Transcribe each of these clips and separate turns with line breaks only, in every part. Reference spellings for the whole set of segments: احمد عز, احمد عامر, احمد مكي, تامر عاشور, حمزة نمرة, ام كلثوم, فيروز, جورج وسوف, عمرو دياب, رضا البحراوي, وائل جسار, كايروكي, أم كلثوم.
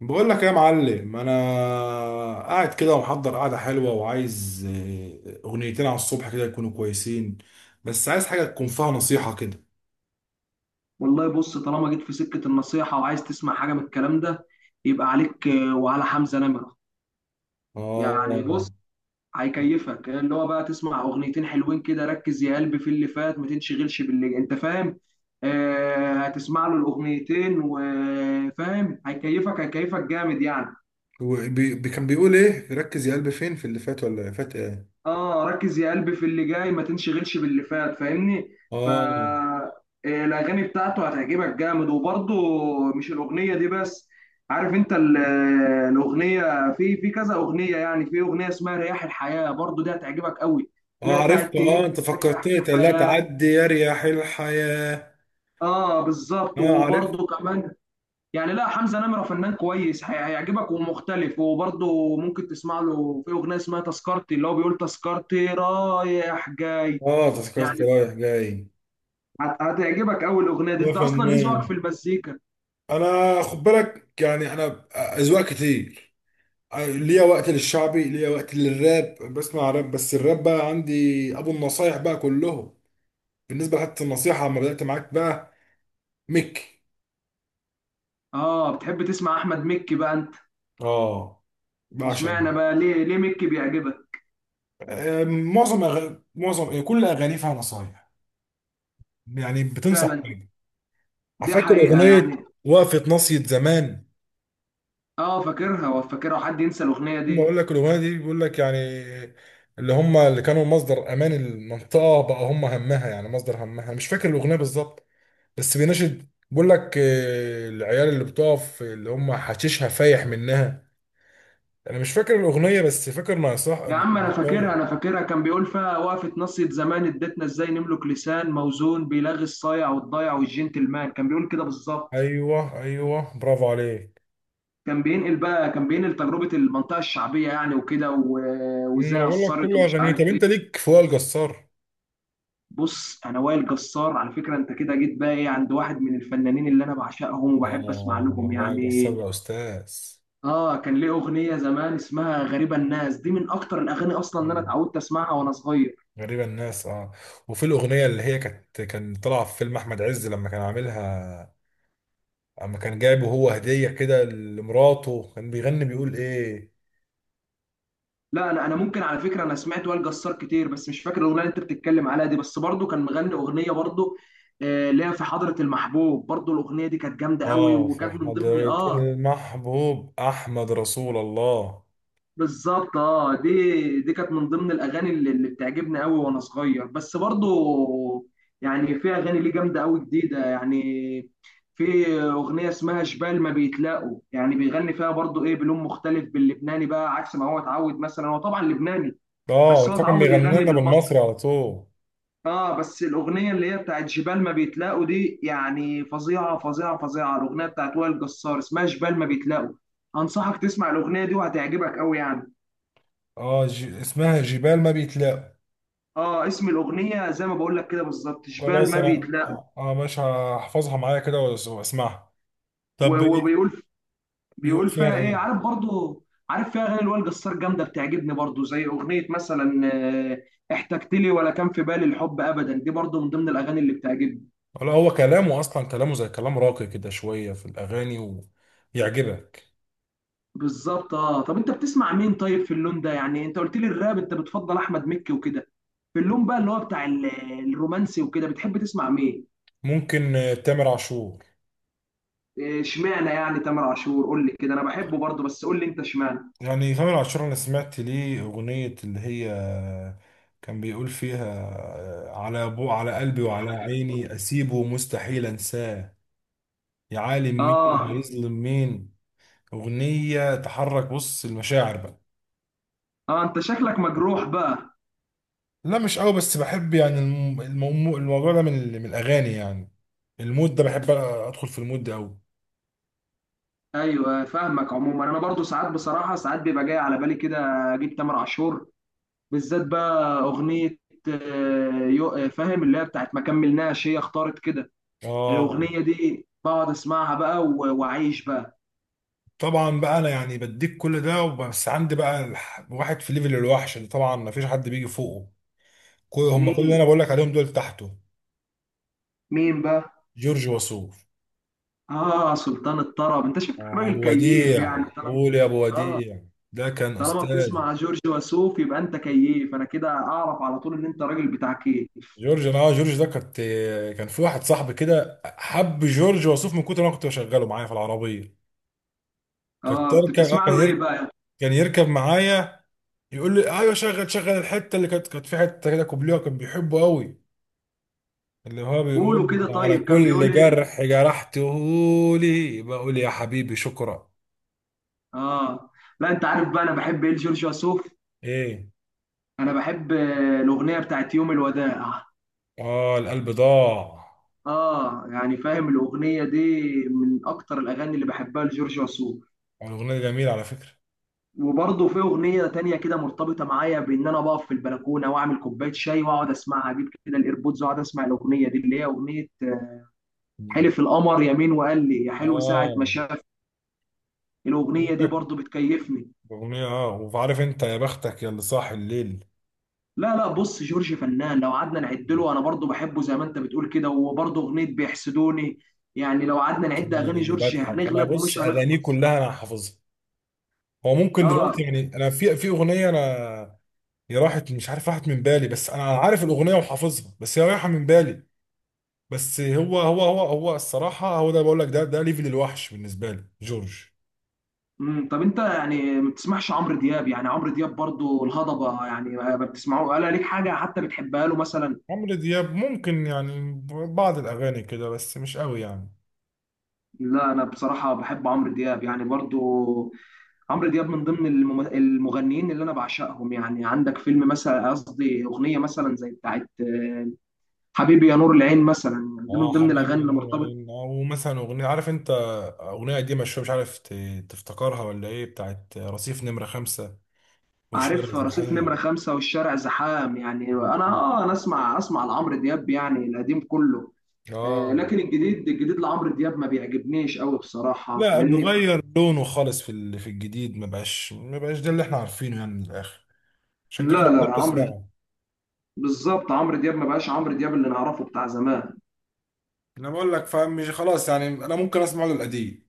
بقول لك يا معلم، انا قاعد كده ومحضر قعده حلوه وعايز اغنيتين على الصبح كده يكونوا كويسين. بس عايز حاجه تكون فيها نصيحه كده.
والله بص، طالما جيت في سكة النصيحة وعايز تسمع حاجة من الكلام ده يبقى عليك وعلى حمزة نمرة. يعني بص،
اه،
هيكيفك اللي هو بقى تسمع أغنيتين حلوين كده. ركز يا قلبي في اللي فات ما تنشغلش باللي أنت فاهم. آه، هتسمع له الأغنيتين وفاهم، هيكيفك هيكيفك جامد يعني.
هو كان بيقول ايه؟ ركز يا قلبي فين؟ في اللي فات ولا فات ايه؟
اه، ركز يا قلبي في اللي جاي ما تنشغلش باللي فات. فاهمني.
اه.
الاغاني بتاعته هتعجبك جامد وبرضه. مش الاغنيه دي بس. عارف انت الاغنيه في كذا اغنيه، يعني في اغنيه اسمها رياح الحياه، برضه دي هتعجبك قوي.
اه
اللي هي
عرفت،
بتاعت
اه
تهب
انت
رياح
فكرتني: لا
الحياه.
تعدي يا رياح الحياه.
اه بالظبط،
اه عرفت.
وبرضه كمان يعني. لا، حمزه نمره فنان كويس، هيعجبك ومختلف. وبرضه ممكن تسمع له في اغنيه اسمها تذكرتي، اللي هو بيقول تذكرتي رايح جاي
اه
يعني.
تذكرت رايح جاي.
هتعجبك اول اغنيه دي.
يا
انت اصلا ايه ذوقك
فنان،
في المزيكا؟
انا خد بالك يعني، انا اذواق كتير. ليا وقت للشعبي، ليا وقت للراب، بسمع راب، بس الراب بقى عندي ابو النصايح بقى كلهم. بالنسبه لحتى النصيحه لما بدات معاك بقى، ميك.
اه، بتحب تسمع احمد مكي بقى انت.
اه، بعشق
اشمعنى
ميك.
بقى؟ ليه مكي بيعجبك؟
معظم، كل اغاني فيها نصايح، يعني بتنصح
فعلا،
بيها.
دي
فاكر
حقيقه
اغنيه
يعني.
وقفه ناصيه زمان؟
اه فاكرها، وفاكرها، حد ينسى الاغنيه
ما اقول
دي؟
لك الاغنيه دي بيقول لك يعني اللي هم اللي كانوا مصدر امان المنطقه بقى هم همها، يعني مصدر همها، مش فاكر الاغنيه بالظبط. بس بيناشد، بيقول لك العيال اللي بتقف اللي هم حشيشها فايح منها. انا مش فاكر الاغنيه بس فاكر ما صح.
يا عم انا فاكرها،
طيب،
انا فاكرها. كان بيقول فيها: وقفه نصية زمان ادتنا ازاي نملك لسان موزون بيلغي الصايع والضايع والجنتلمان. كان بيقول كده بالظبط.
ايوه ايوه، برافو عليك.
كان بينقل بقى، كان بينقل تجربه المنطقه الشعبيه يعني، وكده
انا
وازاي
بقول لك كل
اثرت ومش
اغانيه. طب
عارف ايه.
انت ليك في وائل جسار؟
بص انا وائل جسار على فكره، انت كده جيت بقى ايه عند واحد من الفنانين اللي انا بعشقهم وبحب اسمع
اه،
لهم
وائل جسار
يعني.
ده استاذ.
اه، كان ليه اغنيه زمان اسمها غريبه الناس، دي من اكتر الاغاني اصلا اللي انا
أمم،
اتعودت اسمعها وانا صغير.
غريبه الناس، اه. وفي الاغنيه اللي هي كانت طالعه في فيلم احمد عز لما كان عاملها، اما كان جايبه هو هديه كده لمراته، كان بيغني بيقول ايه؟
لا انا ممكن على فكره، انا سمعت وائل جسار كتير، بس مش فاكر الاغنيه اللي انت بتتكلم عليها دي. بس برضو كان مغني اغنيه برضو، ليها في حضره المحبوب. برضو الاغنيه دي كانت جامده قوي،
اه، في
وكانت من ضمن
حضرة المحبوب احمد رسول الله.
بالظبط. اه دي كانت من ضمن الاغاني اللي بتعجبني قوي وانا صغير. بس برضو يعني في اغاني ليه جامده قوي جديده يعني، في اغنيه اسمها جبال ما بيتلاقوا. يعني بيغني فيها برضو ايه، بلون مختلف باللبناني بقى عكس ما هو اتعود. مثلا هو طبعا لبناني بس
اه،
هو
فكان
اتعود
بيغني
يغني
لنا
بالمصري.
بالمصري على طول.
اه، بس الاغنيه اللي هي بتاعت جبال ما بيتلاقوا دي يعني فظيعه فظيعه فظيعه. الاغنيه بتاعت وائل جسار اسمها جبال ما بيتلاقوا. انصحك تسمع الاغنيه دي، وهتعجبك قوي يعني.
اسمها جبال ما بيتلاقوا.
اه، اسم الاغنيه زي ما بقول لك كده بالظبط، شبال
خلاص
ما
انا،
بيتلاقى.
اه، مش هحفظها معايا كده واسمعها. طب بي-
وبيقول،
بيقول
بيقول
فيها
فيها ايه،
ايه؟
عارف برضو؟ عارف، فيها اغاني الوائل جسار جامده بتعجبني برضو، زي اغنيه مثلا احتجت لي ولا كان في بالي الحب ابدا. دي برضو من ضمن الاغاني اللي بتعجبني.
ولا هو كلامه اصلا، كلامه زي كلام راقي كده شوية في الاغاني، ويعجبك.
بالظبط. اه، طب انت بتسمع مين طيب في اللون ده؟ يعني انت قلت لي الراب انت بتفضل احمد مكي وكده. في اللون بقى اللي هو بتاع الرومانسي وكده، بتحب تسمع مين؟
ممكن تامر عاشور.
اشمعنى يعني تامر عاشور؟ قول لي كده، انا بحبه برضو بس قول لي انت اشمعنى.
يعني تامر عاشور انا سمعت ليه اغنية اللي هي كان بيقول فيها على بو على قلبي وعلى عيني اسيبه مستحيل انساه، يا عالم مين
اه
هيظلم مين. اغنية تحرك بص المشاعر بقى.
اه، انت شكلك مجروح بقى.
لا، مش قوي، بس بحب يعني الموضوع ده، من الاغاني يعني. المود ده بحب ادخل في المود ده قوي.
ايوه فاهمك. عموما انا برضو ساعات بصراحه، ساعات بيبقى جاي على بالي كده اجيب تامر عاشور. بالذات بقى اغنيه فاهم، اللي هي بتاعت ما كملناش هي اختارت كده.
اه.
الاغنيه دي بقعد اسمعها بقى واعيش بقى.
طبعا بقى، انا يعني بديك كل ده، بس عندي بقى واحد في ليفل الوحش اللي طبعا مفيش حد بيجي فوقه. كل هم كل اللي
مين؟
انا بقول لك عليهم دول تحته.
مين بقى؟
جورج وسوف.
اه سلطان الطرب، انت شكلك راجل
ابو
كيف
وديع،
يعني طالما.
قول يا ابو
اه،
وديع. ده كان
طالما
استاذ.
بتسمع جورج وسوف يبقى انت كيف. انا كده اعرف على طول ان انت راجل بتاع كيف.
جورج انا اه جورج ده كنت، كان في واحد صاحبي كده حب جورج وسوف من كتر ما أنا كنت بشغله معايا في العربيه. كنت
اه، كنت
اركب، آه،
بتسمع
كان
له ايه
يركب
بقى؟
كان يركب معايا، يقول لي ايوه شغل شغل الحته اللي كانت في حته كده كوبليه كان بيحبه قوي، اللي هو
قولوا
بيقول
كده
على
طيب، كان بيقول
كل
ايه؟
جرح جرحته لي، بقول يا حبيبي شكرا.
اه، لا انت عارف بقى انا بحب ايه لجورج وسوف؟
ايه؟
انا بحب الاغنيه بتاعت يوم الوداع.
اه، القلب ضاع.
اه يعني فاهم الاغنيه دي، من اكتر الاغاني اللي بحبها لجورج وسوف.
الأغنية دي جميلة على فكرة.
وبرضه في اغنيه تانية كده مرتبطه معايا بان انا بقف في البلكونه واعمل كوبايه شاي واقعد اسمعها، اجيب كده الايربودز واقعد اسمع الاغنيه دي، اللي هي اغنيه
مم.
حلف القمر يمين وقال لي يا حلو ساعه ما
آه،
شاف.
بقول
الاغنيه دي
لك
برضه بتكيفني.
أغنية، آه، وعارف أنت، يا بختك يا اللي صاحي الليل.
لا لا، بص جورج فنان، لو قعدنا نعد له، انا برضو بحبه زي ما انت بتقول كده. وبرضو اغنيه بيحسدوني يعني. لو قعدنا
عشان
نعد اغاني
لما
جورج
بضحك أنا،
هنغلب
بص،
ومش
أغانيه
هنخلص.
كلها أنا حافظها. هو ممكن
اه
دلوقتي، يعني أنا في أغنية، أنا هي راحت، مش عارف راحت من بالي، بس أنا عارف الأغنية وحافظها، بس هي رايحة من بالي. بس هو الصراحة، هو ده بقول لك، ده ليفل الوحش بالنسبة لي جورج.
امم، طب انت يعني ما بتسمعش عمرو دياب؟ يعني عمرو دياب برضو الهضبه يعني، ما بتسمعوه ولا ليك حاجه حتى بتحبها له مثلا؟
عمرو دياب ممكن يعني بعض الأغاني كده بس مش قوي يعني.
لا انا بصراحه بحب عمرو دياب يعني برضو. عمرو دياب من ضمن المغنيين اللي انا بعشقهم يعني. عندك فيلم مثلا، قصدي اغنيه مثلا زي بتاعت حبيبي يا نور العين مثلا، يعني دي
اه،
من ضمن الاغاني
حبيبي
اللي
نور
مرتبط.
العين، او مثلا اغنيه عارف انت، اغنيه قديمه شويه مش عارف تفتكرها ولا ايه، بتاعت رصيف نمره خمسة والشارع
عارف رصيف نمره
زحام.
خمسة والشارع زحام؟ يعني انا اه، انا اسمع لعمرو دياب، يعني القديم كله. آه
اه.
لكن الجديد، الجديد لعمرو دياب ما بيعجبنيش قوي بصراحه.
لا، اللي
فاهمني.
غير لونه خالص في في الجديد، ما بقاش ده اللي احنا عارفينه يعني من الاخر. عشان كده
لا لا،
بطلت
عمرو
اسمعه.
بالظبط، عمرو دياب ما بقاش عمرو دياب اللي نعرفه بتاع زمان.
انا بقول لك، فاهم؟ مش خلاص يعني انا ممكن اسمع له القديم.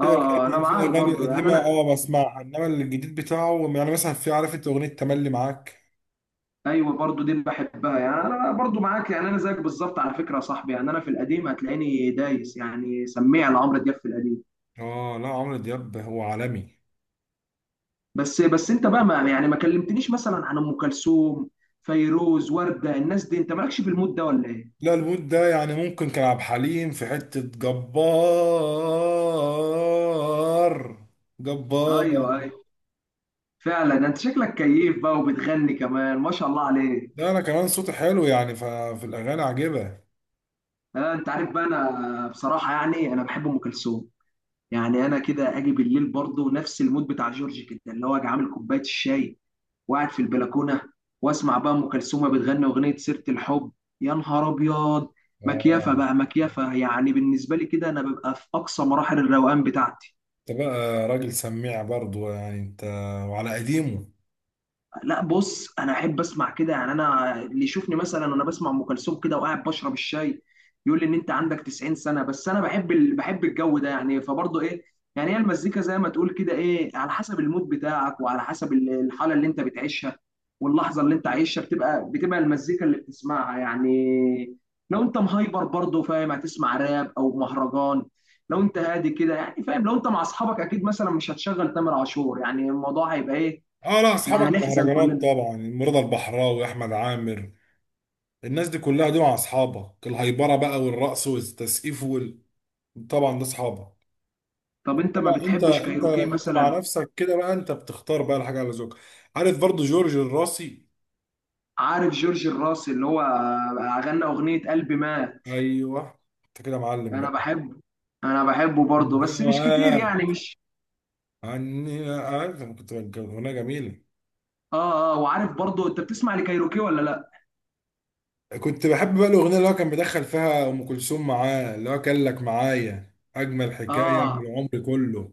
في
اه انا
اغاني في
معاك
اغاني
برضو يعني
القديمه
انا.
اه بسمعها، انما الجديد بتاعه، يعني مثلا في عارف انت اغنيه تملي معاك.
ايوه برضو دي بحبها يعني، انا برضو معاك يعني انا زيك بالظبط على فكره يا صاحبي. يعني انا في القديم هتلاقيني دايس يعني، سميع لعمرو دياب في القديم.
اه. لا، عمرو دياب هو عالمي.
بس انت بقى ما يعني ما كلمتنيش مثلا عن ام كلثوم، فيروز، ورده، الناس دي، انت مالكش في المود ده ولا ايه؟
لا، الوود ده يعني ممكن كان عبد الحليم، في حتة جبار جبار.
ايوه ايوه، فعلا انت شكلك كيف بقى وبتغني كمان، ما شاء الله عليك.
ده انا كمان صوتي حلو يعني، ففي الاغاني عاجبه.
آه انت عارف بقى انا بصراحه يعني انا بحب ام كلثوم. يعني انا كده اجي بالليل برضه نفس المود بتاع جورج كده، اللي هو اجي عامل كوبايه الشاي وقاعد في البلكونه واسمع بقى ام كلثوم بتغني اغنيه سيره الحب. يا نهار ابيض،
اه.
مكيفه بقى، مكيفه يعني بالنسبه لي كده. انا ببقى في اقصى مراحل الروقان بتاعتي.
انت بقى راجل سميع برضو يعني انت، وعلى قديمه.
لا بص، انا احب اسمع كده يعني. انا اللي يشوفني مثلا وانا بسمع ام كلثوم كده وقاعد بشرب الشاي يقول لي ان انت عندك 90 سنه، بس انا بحب بحب الجو ده يعني فبرضه ايه. يعني هي المزيكا زي ما تقول كده ايه، على حسب المود بتاعك وعلى حسب الحاله اللي انت بتعيشها واللحظه اللي انت عايشها، بتبقى المزيكا اللي بتسمعها يعني. لو انت مهايبر برضه فاهم هتسمع راب او مهرجان، لو انت هادي كده يعني فاهم. لو انت مع اصحابك اكيد مثلا مش هتشغل تامر عاشور، يعني الموضوع هيبقى ايه.
اه. لا،
احنا
اصحابك
هنحزن
مهرجانات
كلنا.
طبعا، رضا البحراوي، احمد عامر. الناس دي كلها دول مع اصحابك، الهيبره بقى والرقص والتسقيف وال... طبعا ده اصحابك.
طب انت ما
لا، انت
بتحبش
انت
كايروكي
انت مع
مثلا؟
نفسك كده بقى، انت بتختار بقى الحاجه على ذوقك. عارف برضو جورج الراسي؟
عارف جورج الراس اللي هو غنى اغنية قلبي مات.
ايوه. انت كده معلم
انا
بقى.
بحبه، انا بحبه برضه، بس مش كتير
وقعت
يعني مش.
عني، عارف؟ انا كنت، كانت اغنيه جميله.
اه اه، وعارف برضه انت بتسمع لكايروكي ولا لا؟
كنت بحب بقى الاغنيه اللي هو كان بيدخل فيها ام كلثوم معاه، اللي هو كان لك معايا اجمل حكايه من
اه
العمر كله.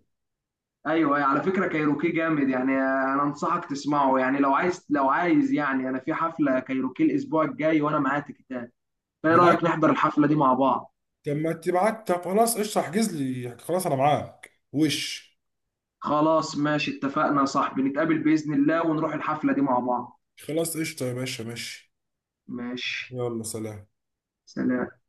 ايوه أيوة، على فكرة كايروكي جامد يعني، انا انصحك تسمعه يعني. لو عايز يعني انا في حفلة كايروكي الاسبوع الجاي وانا معايا تيكيتات، فايه
معاك.
رأيك نحضر الحفلة دي مع بعض؟
طب ما تبعت، طب خلاص قشطه، احجز لي، خلاص انا معاك وش.
خلاص ماشي، اتفقنا يا صاحبي، نتقابل بإذن الله ونروح الحفلة دي مع بعض.
خلاص قشطه يا باشا، ماشي.
ماشي.
يلا سلام.
سلام.